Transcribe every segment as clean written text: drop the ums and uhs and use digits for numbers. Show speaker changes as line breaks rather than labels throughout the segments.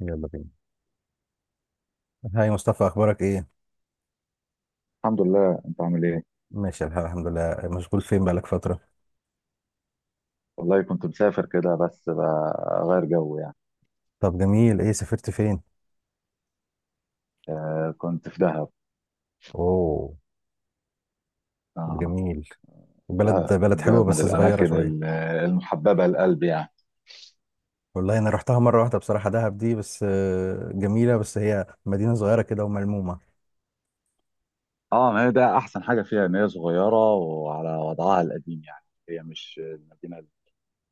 يلا بينا. هاي مصطفى، اخبارك ايه؟
الحمد لله، انت عامل ايه؟
ماشي الحال، الحمد لله. مشغول فين بقالك فترة؟
والله كنت مسافر كده، بس بغير جو يعني.
طب جميل، ايه سافرت فين؟
آه، كنت في دهب.
اوه.
اه.
جميل. بلد
دهب،
بلد حلوة
دهب من
بس صغيرة
الاماكن
شوية.
المحببه للقلب يعني.
والله انا رحتها مرة واحدة بصراحة، دهب دي بس جميلة، بس هي مدينة صغيرة كده وملمومة.
اه، ما هي ده احسن حاجه فيها ان هي صغيره وعلى وضعها القديم، يعني هي مش المدينه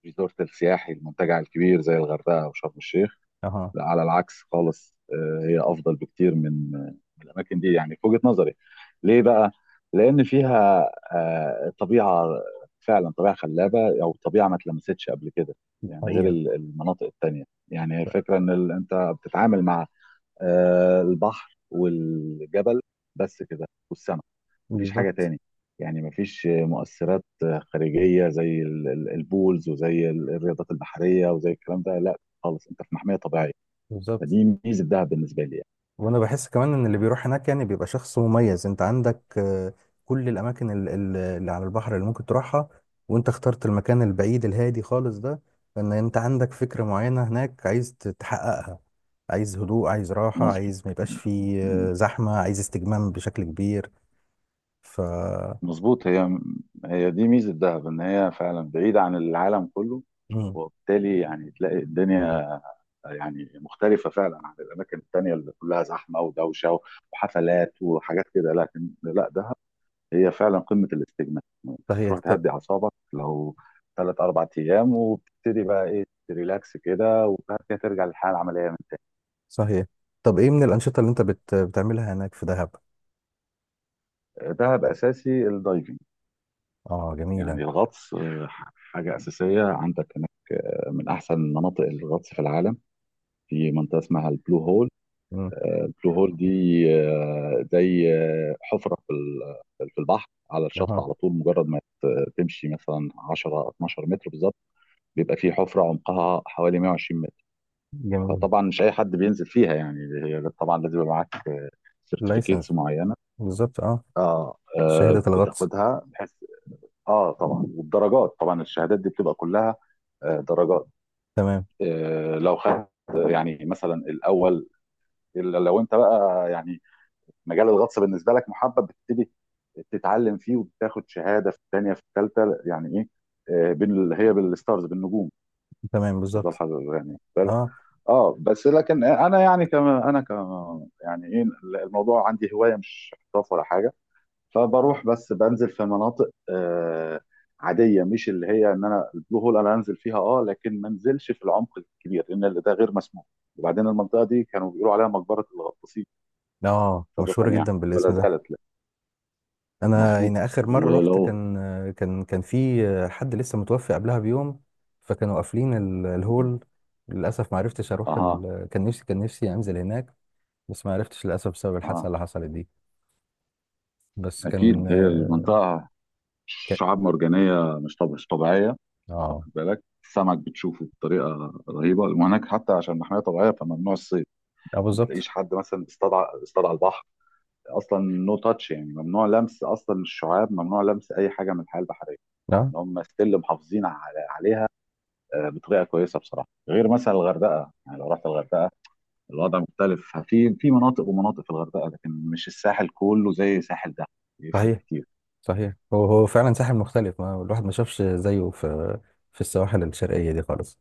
الريزورت السياحي، المنتجع الكبير زي الغردقه وشرم الشيخ.
اها.
لا، على العكس خالص. هي افضل بكتير من الاماكن دي يعني، في وجهة نظري. ليه بقى؟ لان فيها طبيعة، فعلا طبيعة خلابة، او طبيعة ما اتلمستش قبل كده. يعني غير
حقيقة.
المناطق التانية. يعني هي الفكرة ان انت بتتعامل مع البحر والجبل، بس كده، والسماء. مفيش حاجة
بالظبط.
تاني، يعني مفيش مؤثرات خارجية زي البولز، وزي الرياضات البحرية، وزي الكلام ده. لا خالص، انت في محمية طبيعية.
بالظبط.
فدي ميزه الذهب بالنسبه لي يعني.
وانا بحس كمان ان اللي بيروح هناك يعني بيبقى شخص مميز. انت عندك كل الاماكن اللي على البحر اللي ممكن تروحها، وانت اخترت المكان البعيد الهادي خالص ده، لان انت عندك فكرة معينة هناك عايز تحققها. عايز هدوء، عايز راحة،
مظبوط.
عايز ما يبقاش فيه زحمة، عايز استجمام بشكل كبير. ف
مظبوط. هي دي ميزة دهب، ان هي فعلا بعيدة عن العالم كله.
مم.
وبالتالي يعني تلاقي الدنيا يعني مختلفة فعلا عن الأماكن التانية اللي كلها زحمة ودوشة وحفلات وحاجات كده. لكن لا، دهب هي فعلا قمة الاستجمام. أنت
صحيح.
بتروح تهدي أعصابك لو ثلاث أربع أيام، وبتبتدي بقى إيه، تريلاكس كده، وبعد كده ترجع للحياة العملية. من
صحيح. طب ايه من الانشطة اللي انت بتعملها هناك في دهب؟
تاني، دهب أساسي الدايفنج،
اه جميلة.
يعني الغطس. حاجة أساسية عندك هناك، من أحسن مناطق الغطس في العالم. في منطقة اسمها البلو هول.
مم.
البلو هول دي زي حفرة في في البحر، على الشط
اها.
على طول مجرد ما تمشي مثلا 10 12 متر بالظبط، بيبقى في حفرة عمقها حوالي 120 متر.
جميل.
فطبعا مش أي حد بينزل فيها يعني. هي طبعا لازم يبقى معاك
لايسنس.
سيرتيفيكيتس معينة.
بالظبط، اه.
اه،
شهادة الغطس.
بتاخدها بحيث. اه طبعا، والدرجات طبعا، الشهادات دي بتبقى كلها درجات.
تمام.
لو خدت، يعني مثلا الاول، إلا لو انت بقى يعني مجال الغطس بالنسبه لك محبب، بتبتدي تتعلم فيه وبتاخد شهاده في الثانيه، في الثالثه، يعني ايه، بين هي بالستارز، بالنجوم.
تمام. بالظبط،
تفضل حضرتك يعني، خد بالك.
اه.
اه، بس لكن انا يعني، كما انا كما يعني ايه، الموضوع عندي هوايه مش احتراف ولا حاجه. فبروح بس بنزل في مناطق عاديه، مش اللي هي ان انا البلو هول انا انزل فيها، اه، لكن ما انزلش في العمق الكبير لان ده غير مسموح. وبعدين المنطقه دي كانوا بيقولوا عليها مقبره الغطاسين
اه
سابقا،
مشهورة
يعني
جدا
ولا
بالاسم ده.
زالت لا.
انا
مظبوط
يعني اخر مرة رحت
ولو.
كان في حد لسه متوفي قبلها بيوم، فكانوا قافلين الهول. للاسف ما عرفتش اروح
اها،
كان نفسي انزل هناك، بس ما عرفتش للاسف بسبب الحادثة
اها،
اللي حصلت دي. بس كان
اكيد. هي المنطقه
كان
شعاب مرجانيه مش طبيعيه،
اه.
واخد بالك؟ السمك بتشوفه بطريقه رهيبه، وهناك حتى عشان محميه طبيعيه، فممنوع الصيد.
اه
ما تلاقيش
بالظبط.
حد مثلا بيصطاد على البحر، اصلا نو تاتش، يعني ممنوع لمس اصلا الشعاب، ممنوع لمس اي حاجه من الحياه البحريه.
اه
ان هم ستيل محافظين عليها بطريقه كويسه بصراحه. غير مثلا الغردقه، يعني لو رحت الغردقه، الوضع مختلف، في مناطق ومناطق في الغردقه، لكن مش الساحل كله زي ساحل ده، يفرق
صحيح.
كتير.
صحيح، هو هو فعلا ساحل مختلف، ما الواحد ما شافش زيه في السواحل الشرقية دي خالص.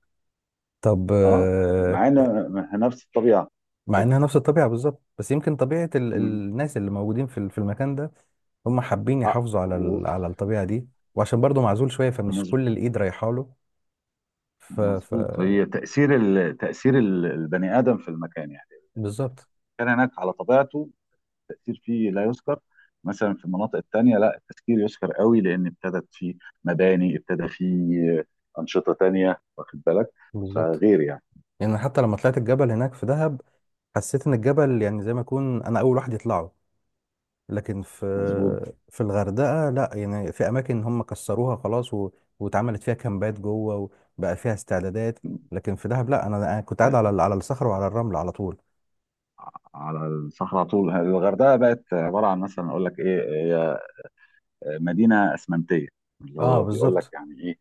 طب،
اه، معانا نفس الطبيعه.
مع
طب-
انها نفس الطبيعه بالظبط، بس يمكن طبيعه
مم.
الناس اللي موجودين في في المكان ده، هم حابين
اه،
يحافظوا على على الطبيعه دي، وعشان برضه معزول شويه فمش
مظ-
كل الايد رايحه له. ف ف
مظبوط. هي تاثير البني ادم في المكان، يعني
بالظبط.
كان هناك على طبيعته، التأثير فيه لا يذكر. مثلا في المناطق التانية، لا، التسكير يذكر قوي، لأن ابتدت فيه مباني، ابتدى فيه أنشطة تانية، واخد بالك؟
بالظبط.
فغير يعني.
يعني حتى لما طلعت الجبل هناك في دهب حسيت ان الجبل يعني زي ما اكون انا اول واحد يطلعه، لكن في
مظبوط.
في الغردقه لا، يعني في اماكن هم كسروها خلاص واتعملت فيها كامبات جوه وبقى فيها استعدادات. لكن في دهب لا، انا كنت قاعد على على الصخر وعلى الرمل على طول.
على الصحراء على طول. الغردقة بقت عبارة عن، مثلا أقول لك إيه، هي مدينة أسمنتية، اللي
اه
هو بيقول لك
بالظبط.
يعني إيه،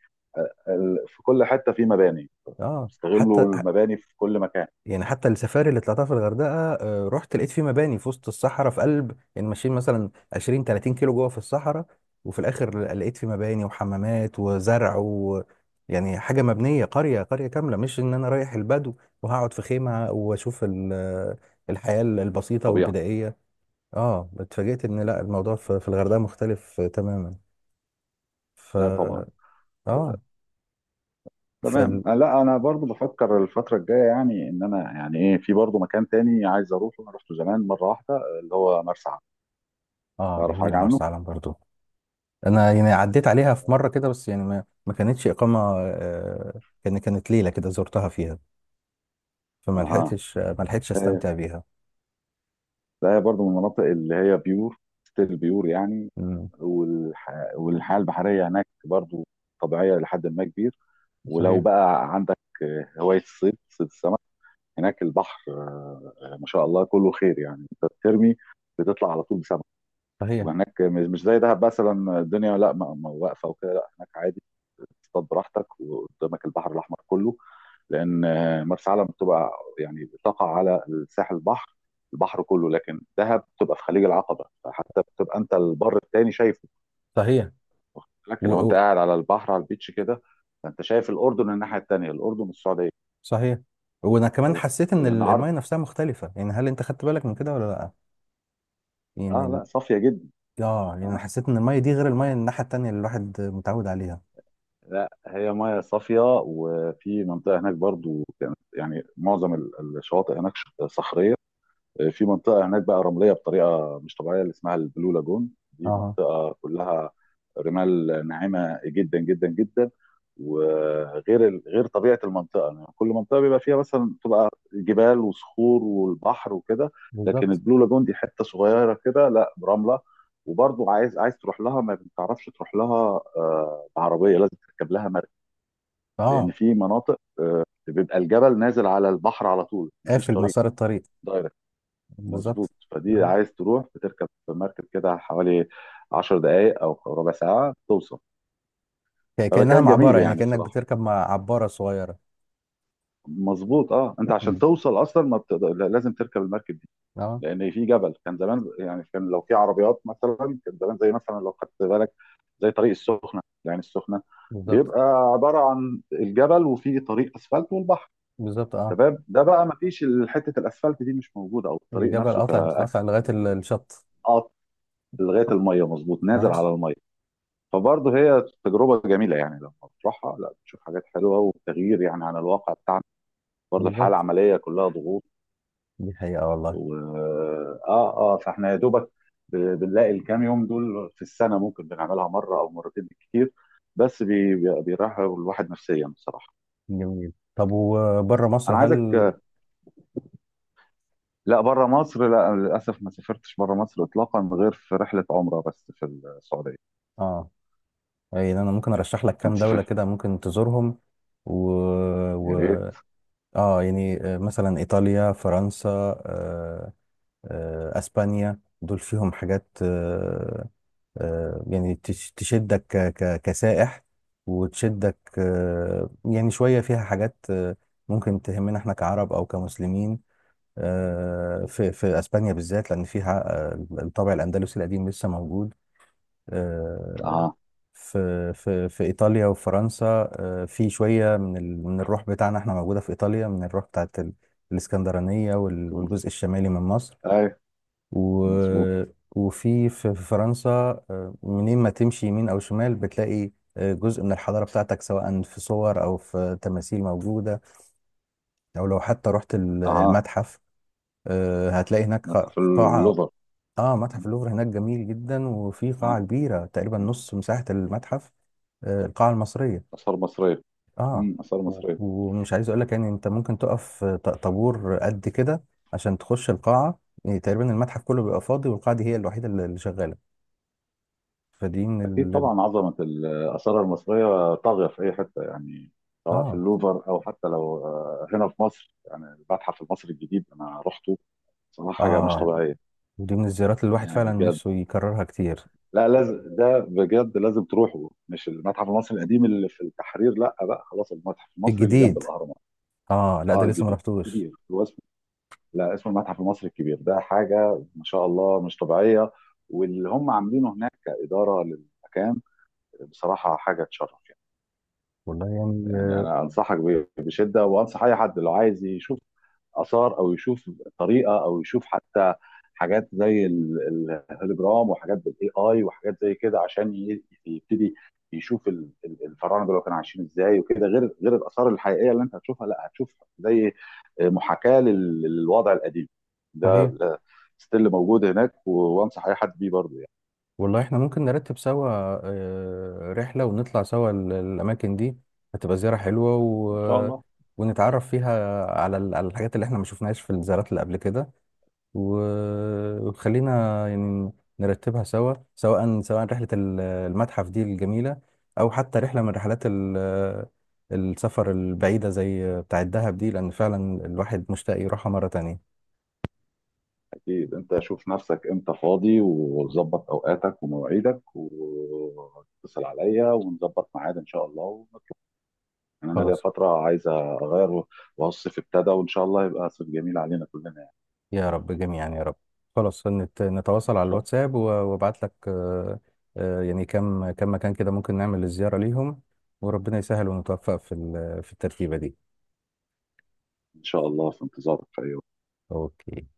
في كل حتة في مباني،
اه
استغلوا المباني في كل مكان.
يعني حتى السفاري اللي طلعتها في الغردقه، رحت لقيت في مباني في وسط الصحراء، في قلب يعني ماشيين مثلا 20 30 كيلو جوه في الصحراء، وفي الاخر لقيت في مباني وحمامات وزرع يعني حاجه مبنيه، قريه قريه كامله، مش ان انا رايح البدو وهقعد في خيمه واشوف الحياه البسيطه
طبيعة.
والبدائيه. اه اتفاجئت ان لا، الموضوع في الغردقه مختلف تماما. ف
لا طبعا.
اه.
تمام.
فال
لا، انا برضو بفكر الفتره الجايه، يعني ان انا يعني ايه، في برضو مكان تاني عايز اروحه، انا رحته زمان مره واحده، اللي هو مرسى علم.
اه
تعرف حاجه
جميله،
عنه؟
مرسى علم برضو انا يعني عديت عليها في مره كده، بس يعني ما كانتش اقامه. كانت ليله كده زرتها فيها، فما
اها.
لحقتش ما لحقتش
إيه،
استمتع بيها.
ده برضو من المناطق اللي هي بيور، ستيل بيور يعني.
مم.
والح... والحياه البحريه هناك برضو طبيعيه لحد ما كبير. ولو
صحيح.
بقى عندك هوايه الصيد، صيد السمك، هناك البحر، ما شاء الله كله خير، يعني انت بترمي بتطلع على طول بسمك.
صحيح.
وهناك مش زي دهب مثلا، الدنيا لا، ما واقفه وكده، لا هناك عادي تصطاد براحتك، وقدامك البحر الاحمر كله. لان مرسى علم بتبقى يعني بتقع على الساحل، البحر، البحر كله. لكن دهب بتبقى في خليج العقبه، فحتى بتبقى انت البر التاني شايفه،
صحيح.
لكن
و...
لو انت
و...
قاعد على البحر على البيتش كده، فانت شايف الاردن، الناحيه التانيه، الاردن والسعوديه.
صحيح، وانا كمان حسيت ان
لان
الميه
عرض.
نفسها مختلفه، يعني هل انت خدت بالك من كده ولا لا؟ يعني
اه، لا صافيه جدا.
اه يعني انا
اه،
حسيت ان الميه دي غير الميه الناحيه التانيه اللي الواحد متعود عليها.
لا هي ميه صافيه. وفي منطقه هناك برضو كانت يعني، معظم الشواطئ هناك صخريه، في منطقه هناك بقى رمليه بطريقه مش طبيعيه، اللي اسمها البلو لاجون، دي
اه
منطقه كلها رمال ناعمه جدا جدا جدا. وغير غير طبيعه المنطقه، يعني كل منطقه بيبقى فيها مثلا، تبقى جبال وصخور والبحر وكده، لكن
بالظبط.
البلو لاجون دي حته صغيره كده، لا رمله. وبرضه عايز تروح لها، ما بتعرفش تروح لها بعربيه، لازم تركب لها مركب، لان
اه،
في مناطق بيبقى الجبل نازل على البحر على طول، مفيش
قافل
طريق
مسار الطريق.
دايركت. مظبوط.
بالظبط،
فدي
اه
عايز تروح، بتركب مركب كده حوالي 10 دقائق او ربع ساعه توصل.
كانها
فمكان جميل
معبره، يعني
يعني
كانك
بصراحه.
بتركب مع عباره صغيره.
مظبوط. اه، انت عشان
مم.
توصل اصلا ما بتقدر، لازم تركب المركب دي،
اه
لان في جبل. كان زمان يعني، كان لو في عربيات مثلا، كان زمان، زي مثلا لو خدت بالك، زي طريق السخنه، يعني السخنه
بالظبط.
بيبقى عباره عن الجبل، وفيه طريق اسفلت والبحر.
بالظبط، اه
تمام، ده بقى ما فيش، حته الاسفلت دي مش موجوده، او الطريق
الجبل
نفسه
قطع قطع
كاكس،
لغاية الشط.
قط لغايه الميه، مظبوط، نازل
تمام.
على الميه. فبرضه هي تجربة جميلة يعني لما بتروحها، لا بتشوف حاجات حلوة وتغيير يعني عن الواقع بتاعنا، برضه
بالظبط،
الحالة العملية كلها ضغوط.
دي حقيقة والله.
و اه، اه، فاحنا يا دوبك بنلاقي الكام يوم دول في السنة، ممكن بنعملها مرة أو مرتين بالكتير، بس بيريح الواحد نفسيا بصراحة.
جميل، طب وبره مصر
أنا عايزك. لا بره مصر، لا للأسف ما سافرتش بره مصر إطلاقا، غير في رحلة عمرة بس في السعودية.
اه يعني انا ممكن ارشح لك
أنت
كام دولة
صحيح.
كده ممكن تزورهم. و...
يا
و...
ريت.
اه يعني مثلا ايطاليا، فرنسا، آه، اسبانيا، دول فيهم حاجات يعني تشدك كسائح، وتشدك يعني شوية، فيها حاجات ممكن تهمنا احنا كعرب او كمسلمين. في اسبانيا بالذات لان فيها الطابع الاندلسي القديم لسه موجود. آه،
أها.
في ايطاليا وفرنسا، في شويه من من الروح بتاعنا احنا موجوده في ايطاليا، من الروح بتاعت الاسكندرانيه والجزء الشمالي من مصر.
أي.
و...
مظبوط.
وفي في فرنسا، منين ما تمشي يمين أو شمال بتلاقي جزء من الحضارة بتاعتك، سواء في صور أو في تماثيل موجودة، أو لو حتى رحت
أها.
المتحف. هتلاقي هناك
متحف
قاعة. آه، متحف
اللوفر.
اللوفر هناك جميل جدا، وفي قاعة كبيرة تقريبا
مم.
نص مساحة المتحف، القاعة المصرية.
آثار مصرية.
آه،
آثار مصرية.
ومش عايز أقول لك يعني، أنت ممكن تقف طابور قد كده عشان تخش القاعة. يعني تقريبا المتحف كله بيبقى فاضي، والقاعة دي هي الوحيدة اللي شغالة. فدي
أكيد
من
طبعا، عظمة الآثار المصرية طاغية في أي حتة، يعني سواء في
اه.
اللوفر أو حتى لو هنا في مصر، يعني المتحف المصري الجديد أنا رحته، صراحة حاجة مش
اه
طبيعية
ودي من الزيارات اللي الواحد
يعني،
فعلا
بجد.
نفسه يكررها كتير.
لا لازم، ده بجد لازم تروحوا، مش المتحف المصري القديم اللي في التحرير، لا بقى خلاص، المتحف المصري اللي جنب
الجديد؟
الأهرامات.
اه لا
اه،
ده لسه ما
الجديد.
رحتوش.
كبير، هو اسمه، لا، اسمه المتحف المصري الكبير، ده حاجة ما شاء الله مش طبيعية. واللي هم عاملينه هناك كإدارة للمكان، بصراحه حاجه تشرف يعني.
والله يعني
يعني انا انصحك بشده، وانصح اي حد لو عايز يشوف اثار، او يشوف طريقه، او يشوف حتى حاجات زي الهولوجرام، وحاجات بالاي اي، وحاجات زي كده، عشان يبتدي يشوف الفراعنه دول كانوا عايشين ازاي وكده، غير الاثار الحقيقيه اللي انت هتشوفها، لا هتشوف زي محاكاه للوضع القديم ده،
صحيح.
ستيل موجود هناك. وانصح اي حد بيه برضه يعني.
والله احنا ممكن نرتب سوا رحلة ونطلع سوا الأماكن دي، هتبقى زيارة حلوة و...
ان شاء
آه،
الله.
ونتعرف فيها على على الحاجات اللي احنا ما شفناهاش في الزيارات اللي قبل كده. وخلينا يعني نرتبها سوا، سواء رحلة المتحف دي الجميلة، أو حتى رحلة من رحلات السفر البعيدة زي بتاع الدهب دي، لأن فعلا الواحد مشتاق يروحها مرة تانية.
أكيد، أنت شوف نفسك إمتى فاضي، وظبط أوقاتك ومواعيدك، واتصل عليا ونظبط ميعاد إن شاء الله ونطلع. يعني أنا ليا
خلاص.
فترة عايز أغير، وهو الصيف ابتدى، وإن شاء الله يبقى صيف جميل علينا كلنا يعني.
يا رب جميعا، يا رب. خلاص، نتواصل
إن
على
شاء
الواتساب، وابعت لك يعني كم مكان كده ممكن نعمل الزيارة ليهم، وربنا يسهل ونتوفق في في الترتيبة دي.
إن شاء الله، في انتظارك في أي وقت.
أوكي.